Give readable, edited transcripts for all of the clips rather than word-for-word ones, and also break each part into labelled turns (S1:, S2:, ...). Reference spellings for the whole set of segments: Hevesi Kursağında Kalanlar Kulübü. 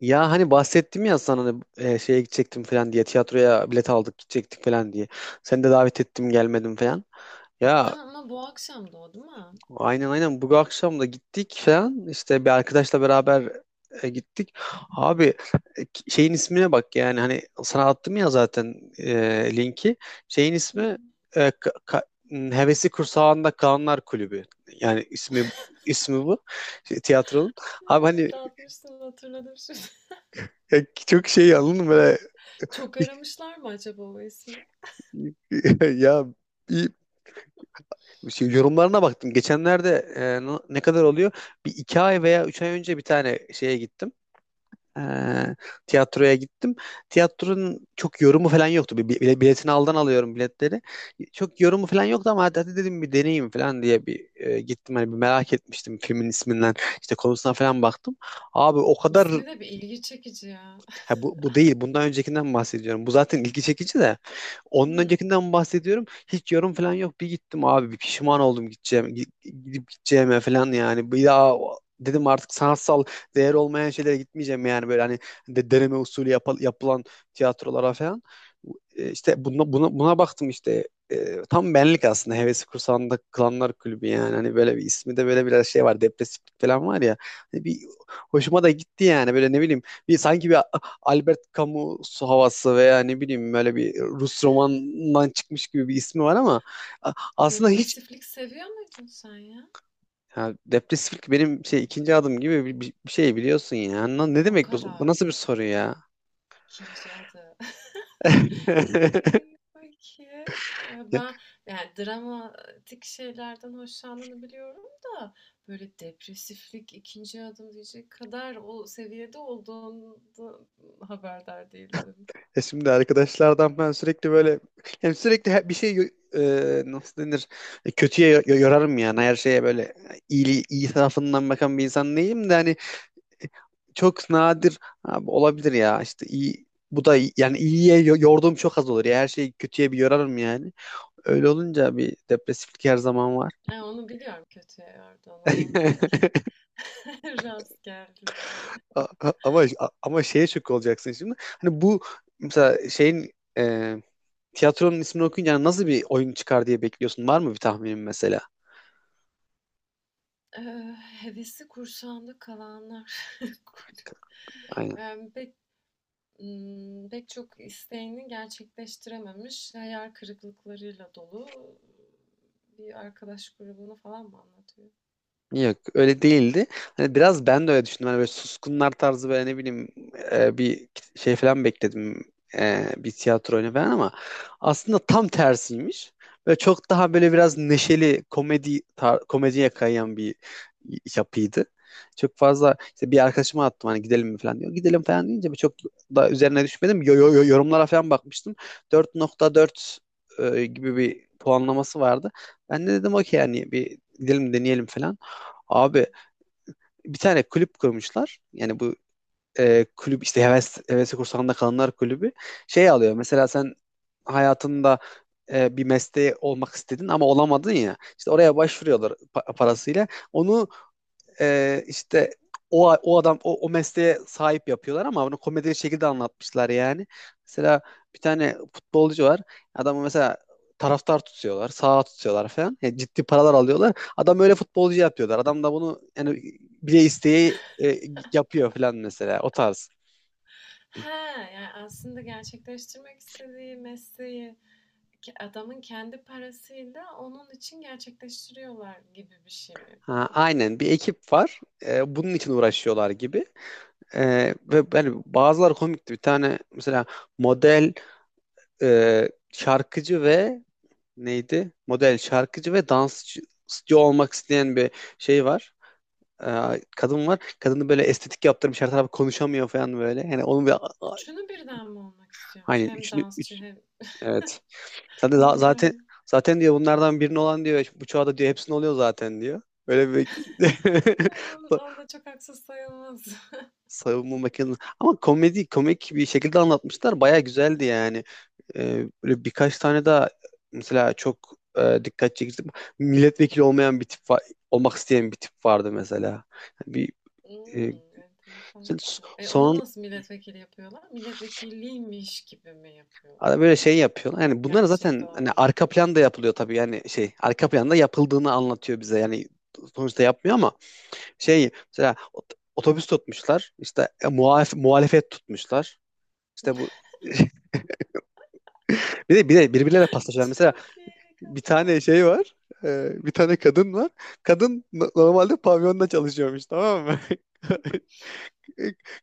S1: Ya hani bahsettim ya sana hani, şeye gidecektim falan diye tiyatroya bilet aldık gidecektik falan diye. Seni de davet ettim gelmedim falan.
S2: Ha,
S1: Ya
S2: ama bu akşam da o değil mi?
S1: aynen aynen bu akşam da gittik falan işte bir arkadaşla beraber gittik. Abi şeyin ismine bak yani hani sana attım ya zaten linki. Şeyin
S2: Hı.
S1: ismi Hevesi Kursağında Kalanlar Kulübü. Yani ismi bu şey, tiyatronun.
S2: Ha,
S1: Abi hani
S2: dağıtmışsın hatırladım şimdi.
S1: çok şey anladın mı böyle?
S2: Çok aramışlar mı acaba o ismi?
S1: Ya bir şey, yorumlarına baktım. Geçenlerde ne kadar oluyor? Bir iki ay veya üç ay önce bir tane şeye gittim. E, tiyatroya gittim. Tiyatronun çok yorumu falan yoktu. Biletini alıyorum biletleri. Çok yorumu falan yoktu ama hadi, hadi dedim bir deneyeyim falan diye bir gittim. Hani bir merak etmiştim filmin isminden. İşte konusuna falan baktım. Abi o kadar.
S2: İsmi de bir ilgi çekici ya.
S1: Ha, bu değil. Bundan öncekinden bahsediyorum. Bu zaten ilgi çekici de. Onun
S2: Hı.
S1: öncekinden bahsediyorum. Hiç yorum falan yok. Bir gittim abi. Bir pişman oldum gideceğim. Gidip gideceğime falan yani. Bir daha dedim artık sanatsal değer olmayan şeylere gitmeyeceğim yani. Böyle hani deneme usulü yapılan tiyatrolara falan. İşte buna baktım işte. Tam benlik aslında hevesi kursağında Klanlar Kulübü, yani hani böyle bir ismi de böyle biraz şey var, depresiflik falan var ya. Hani bir hoşuma da gitti yani, böyle ne bileyim, sanki bir Albert Camus havası veya ne bileyim böyle bir Rus romanından çıkmış gibi bir ismi var ama aslında hiç.
S2: Depresiflik seviyor muydun sen ya?
S1: Ha, depresiflik benim şey ikinci adım gibi bir şey, biliyorsun ya. Ne
S2: O
S1: demek bu? Bu
S2: kadar.
S1: nasıl bir soru ya?
S2: İkinci adı. İyi, peki.
S1: Ya,
S2: Ben yani dramatik şeylerden hoşlandığını biliyorum da böyle depresiflik ikinci adım diyecek kadar o seviyede olduğunu haberdar değildim.
S1: şimdi arkadaşlardan ben sürekli böyle, hem sürekli bir şey nasıl denir. Kötüye yorarım, yani her şeye böyle iyi iyi tarafından bakan bir insan değilim de hani, çok nadir abi olabilir ya işte, iyi bu da yani iyiye yorduğum çok az olur ya, her şeyi kötüye bir yorarım yani. Öyle olunca bir depresiflik her zaman var.
S2: E, onu biliyorum kötü yerden o. Bir iki rast geldim yani.
S1: A- a- ama ama şeye şok olacaksın şimdi, hani bu, mesela şeyin, e, tiyatronun ismini okuyunca hani nasıl bir oyun çıkar diye bekliyorsun, var mı bir tahminin mesela?
S2: Hevesi kursağında kalanlar.
S1: Aynen.
S2: Yani pek, pek çok isteğini gerçekleştirememiş, hayal kırıklıklarıyla dolu bir arkadaş grubunu falan mı anlatıyor?
S1: Yok, öyle değildi. Hani biraz ben de öyle düşündüm. Hani böyle suskunlar tarzı, böyle ne bileyim, bir şey falan bekledim. Bir tiyatro oyunu falan, ama aslında tam tersiymiş. Böyle çok daha böyle biraz neşeli komedi, komediye kayan bir yapıydı. Çok fazla işte, bir arkadaşıma attım hani gidelim mi falan diyor. Gidelim falan deyince bir çok da üzerine düşmedim. Yorumlara falan bakmıştım. 4,4 gibi bir puanlaması vardı. Ben de dedim okey, yani bir gidelim deneyelim falan.
S2: Hmm.
S1: Abi bir tane kulüp kurmuşlar. Yani bu kulüp işte, hevesi kursağında kalanlar kulübü şey alıyor. Mesela sen hayatında bir mesleği olmak istedin ama olamadın ya. İşte oraya başvuruyorlar parasıyla. Onu işte o adam o mesleğe sahip yapıyorlar ama bunu komedi şekilde anlatmışlar yani. Mesela bir tane futbolcu var. Adamı mesela taraftar tutuyorlar, sağa tutuyorlar falan. Yani ciddi paralar alıyorlar. Adam öyle futbolcu yapıyorlar. Adam da bunu yani bile isteği yapıyor falan, mesela o tarz.
S2: He, yani aslında gerçekleştirmek istediği mesleği ki adamın kendi parasıyla onun için gerçekleştiriyorlar gibi bir şey mi yapıyor?
S1: Ha, aynen, bir ekip var. Bunun için uğraşıyorlar gibi. E, ve yani bazıları komikti. Bir tane mesela model, şarkıcı ve neydi? Model, şarkıcı ve dansçı olmak isteyen bir şey var. Kadın var. Kadını böyle estetik yaptırmış. Her tarafı konuşamıyor falan böyle. Yani onun bir
S2: Üçünü birden mi olmak
S1: hani
S2: istiyormuş? Hem dansçı
S1: üç,
S2: hem
S1: evet. Zaten zaten
S2: model.
S1: zaten diyor, bunlardan birini olan diyor işte, bu çağda diyor hepsini oluyor zaten diyor. Böyle bir
S2: Ha, o da çok haksız sayılmaz.
S1: savunma makinesi. Ama komedi komik bir şekilde anlatmışlar. Baya güzeldi yani. Böyle birkaç tane daha mesela, çok dikkat çekici, milletvekili olmayan bir tip var, olmak isteyen bir tip vardı mesela. Yani
S2: Hmm,
S1: e,
S2: enteresanmış o. E, onu
S1: son
S2: nasıl milletvekili yapıyorlar? Milletvekiliymiş gibi mi yapıyorlar?
S1: ara böyle şey yapıyorlar. Yani bunlar
S2: Gerçekte
S1: zaten hani
S2: olmadan.
S1: arka planda yapılıyor tabii. Yani şey, arka planda yapıldığını anlatıyor bize. Yani sonuçta yapmıyor ama şey, mesela otobüs tutmuşlar. İşte muhalefet tutmuşlar. İşte bu bir de birbirleriyle paslaşıyorlar. Mesela
S2: Çok iyi
S1: bir
S2: kafa.
S1: tane şey var. Bir tane kadın var. Kadın normalde pavyonda çalışıyormuş, tamam mı?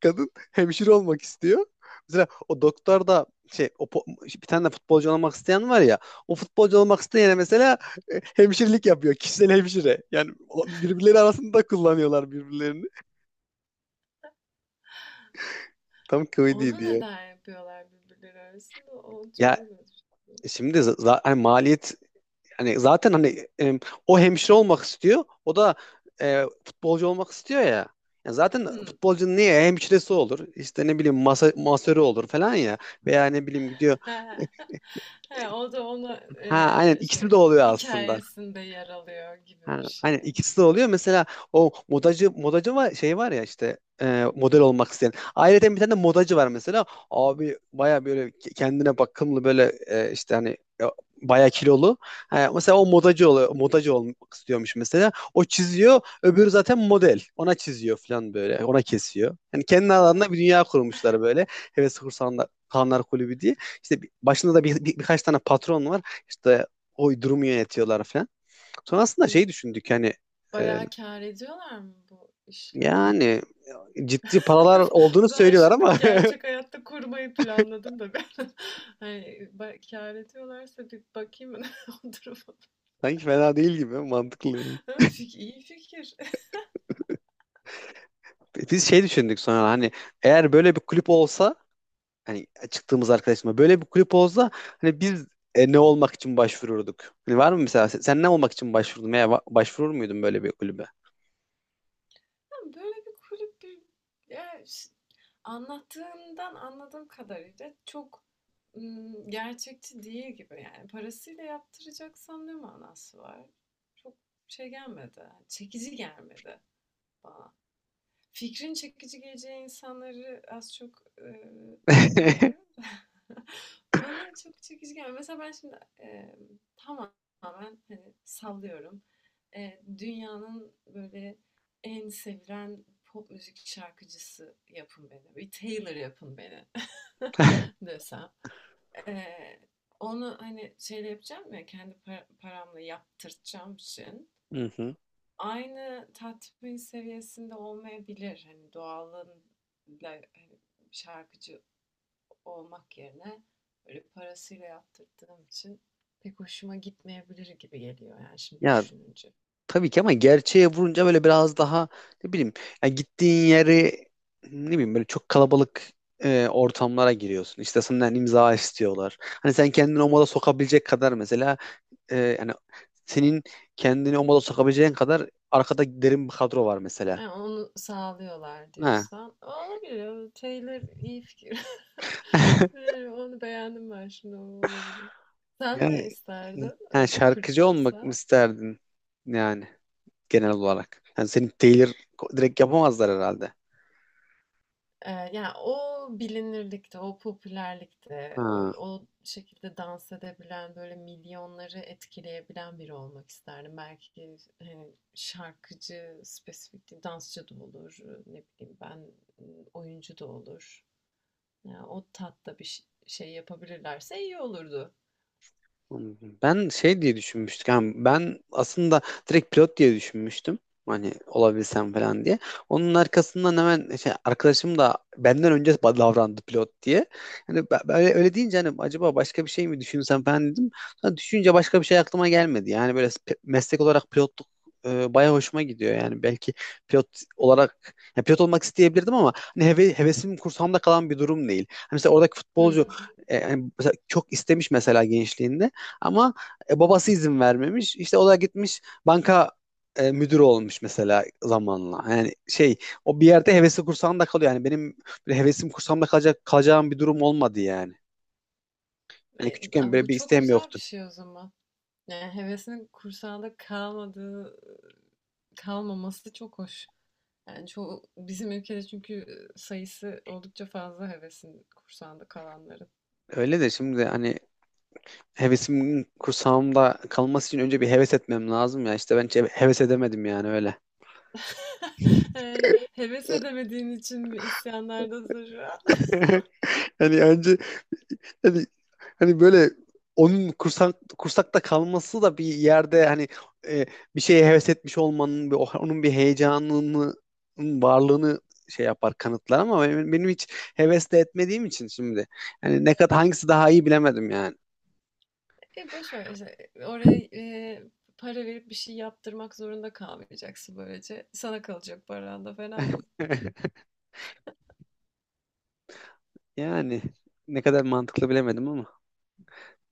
S1: Kadın hemşire olmak istiyor. Mesela o doktor da şey, o bir tane de futbolcu olmak isteyen var ya, o futbolcu olmak isteyene mesela hemşirelik yapıyor. Kişisel hemşire. Yani birbirleri arasında kullanıyorlar birbirlerini. Tam kıvıydı
S2: Onu
S1: diye.
S2: neden yapıyorlar birbirleri arasında? O
S1: Ya
S2: çözülür.
S1: şimdi hani maliyet, hani zaten hani, o hemşire olmak istiyor. O da futbolcu olmak istiyor ya. Yani zaten
S2: Hmm.
S1: futbolcunun niye hemşiresi olur? İşte ne bileyim, masörü olur falan ya. Veya ne bileyim gidiyor. e,
S2: He, o da onu e,
S1: Ha, aynen, ikisi
S2: şey
S1: de oluyor aslında.
S2: hikayesinde yer alıyor gibi
S1: Ha,
S2: bir
S1: aynen,
S2: şey.
S1: ikisi de oluyor. Mesela o modacı var, şey var ya işte, model olmak isteyen. Ayrıca bir tane de modacı var mesela. Abi baya böyle kendine bakımlı, böyle işte hani, e, baya kilolu. Ha, mesela o modacı oluyor. Modacı olmak istiyormuş mesela. O çiziyor. Öbürü zaten model. Ona çiziyor falan böyle. Ona kesiyor. Yani kendi alanında
S2: Ha,
S1: bir dünya kurmuşlar böyle. Heves Kursanlar Kanlar Kulübü diye. İşte başında da birkaç tane patron var. İşte o durumu yönetiyorlar falan. Sonrasında şey düşündük hani, e,
S2: bayağı kâr ediyorlar mı bu işle?
S1: yani ciddi paralar olduğunu
S2: Ben
S1: söylüyorlar
S2: şimdi
S1: ama
S2: gerçek hayatta kurmayı planladım da ben hani kâr ediyorlarsa bir bakayım o duruma.
S1: sanki fena değil gibi, mantıklı yani.
S2: Ha, İyi fikir.
S1: Biz şey düşündük sonra hani, eğer böyle bir kulüp olsa, hani çıktığımız arkadaşımla böyle bir kulüp olsa, hani biz ne olmak için başvururduk? Hani var mı mesela, sen ne olmak için başvurdun veya başvurur muydun böyle bir kulübe?
S2: Ya böyle bir kulüp bir, ya ş- anlattığından anladığım kadarıyla çok gerçekçi değil gibi. Yani parasıyla yaptıracaksam ne manası var? Çok şey gelmedi. Çekici gelmedi bana. Fikrin çekici geleceği insanları az çok, tahmin ediyorum bana çok çekici gelmiyor. Mesela ben şimdi, tamamen, hani, sallıyorum. Dünyanın böyle en sevilen pop müzik şarkıcısı yapın beni. Bir Taylor yapın beni
S1: Hı
S2: desem. Eee, Onu, hani, şeyle yapacağım ya, kendi paramla yaptırtacağım için,
S1: hı.
S2: aynı tatmin seviyesinde olmayabilir. Hani doğalın hani şarkıcı olmak yerine böyle parasıyla yaptırdığım için pek hoşuma gitmeyebilir gibi geliyor yani şimdi
S1: Ya
S2: düşününce.
S1: tabii ki, ama gerçeğe vurunca böyle biraz daha, ne bileyim ya, gittiğin yeri ne bileyim, böyle çok kalabalık ortamlara giriyorsun. İşte senden imza istiyorlar. Hani sen kendini o moda sokabilecek kadar mesela, yani senin kendini o moda sokabileceğin kadar arkada derin bir kadro var mesela.
S2: E, onu sağlıyorlar
S1: Ha.
S2: diyorsan. Olabilir. O Taylor iyi fikir. E, onu beğendim ben şimdi. O olabilir. Sen ne
S1: Yani,
S2: isterdin?
S1: Yani
S2: Öyle bir kulüp
S1: şarkıcı olmak mı
S2: olsa.
S1: isterdin yani, genel olarak? Yani seni Taylor direkt yapamazlar herhalde.
S2: E, yani o bilinirlikte, o popülerlikte, o,
S1: Ha.
S2: o şekilde dans edebilen, böyle milyonları etkileyebilen biri olmak isterdim. Belki hani, şarkıcı, spesifik değil, dansçı da olur. Ne bileyim ben oyuncu da olur. Ya, o tatta bir şey yapabilirlerse iyi olurdu.
S1: Anladım. Ben şey diye düşünmüştüm. Yani ben aslında direkt pilot diye düşünmüştüm. Hani olabilsem falan diye. Onun arkasından hemen şey, arkadaşım da benden önce davrandı pilot diye. Hani böyle öyle deyince hani acaba başka bir şey mi düşünsem falan dedim. Sonra düşününce başka bir şey aklıma gelmedi. Yani böyle meslek olarak pilotluk bayağı hoşuma gidiyor. Yani belki pilot olarak, ya pilot olmak isteyebilirdim ama hani hevesim kursamda kalan bir durum değil. Hani mesela oradaki futbolcu,
S2: Hmm.
S1: yani mesela çok istemiş mesela gençliğinde. Ama babası izin vermemiş. İşte o da gitmiş banka müdürü olmuş mesela zamanla. Yani şey, o bir yerde hevesi kursağında kalıyor. Yani benim böyle hevesim kursamda kalacağım bir durum olmadı yani. Yani
S2: E,
S1: küçükken böyle
S2: bu
S1: bir
S2: çok
S1: isteğim
S2: güzel bir
S1: yoktu.
S2: şey o zaman. Yani hevesinin kursağında kalmadığı, kalmaması çok hoş. Yani çoğu, bizim ülkede çünkü sayısı oldukça fazla hevesin kursağında kalanların.
S1: Öyle de şimdi hani, hevesimin kursağımda kalması için önce bir heves etmem lazım ya. İşte ben hiç heves edemedim yani öyle.
S2: Yani heves edemediğin için mi isyanlardasın şu an?
S1: Hani önce hani, hani böyle, onun kursakta kalması da bir yerde hani e, bir şeye heves etmiş olmanın, onun bir heyecanının varlığını şey yapar, kanıtlar, ama benim hiç hevesle etmediğim için şimdi hani ne kadar hangisi daha iyi bilemedim yani.
S2: E boş ver işte. Oraya para verip bir şey yaptırmak zorunda kalmayacaksın böylece. Sana kalacak paran da fena mı?
S1: Yani ne kadar mantıklı bilemedim ama,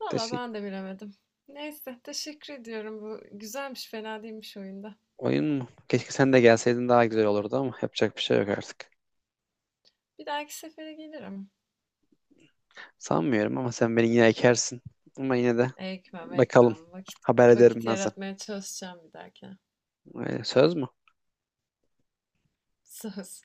S2: Valla ben
S1: teşekkür.
S2: de bilemedim. Neyse, teşekkür ediyorum. Bu güzelmiş, fena değilmiş oyunda.
S1: Oyun mu? Keşke sen de gelseydin, daha güzel olurdu ama yapacak bir şey yok artık.
S2: Bir dahaki sefere gelirim.
S1: Sanmıyorum, ama sen beni yine ekersin. Ama yine de
S2: Ekmem
S1: bakalım.
S2: ekmem. Vakit
S1: Haber
S2: vakit
S1: ederim ben sana.
S2: yaratmaya çalışacağım bir dahakine.
S1: Öyle, söz mü?
S2: Söz.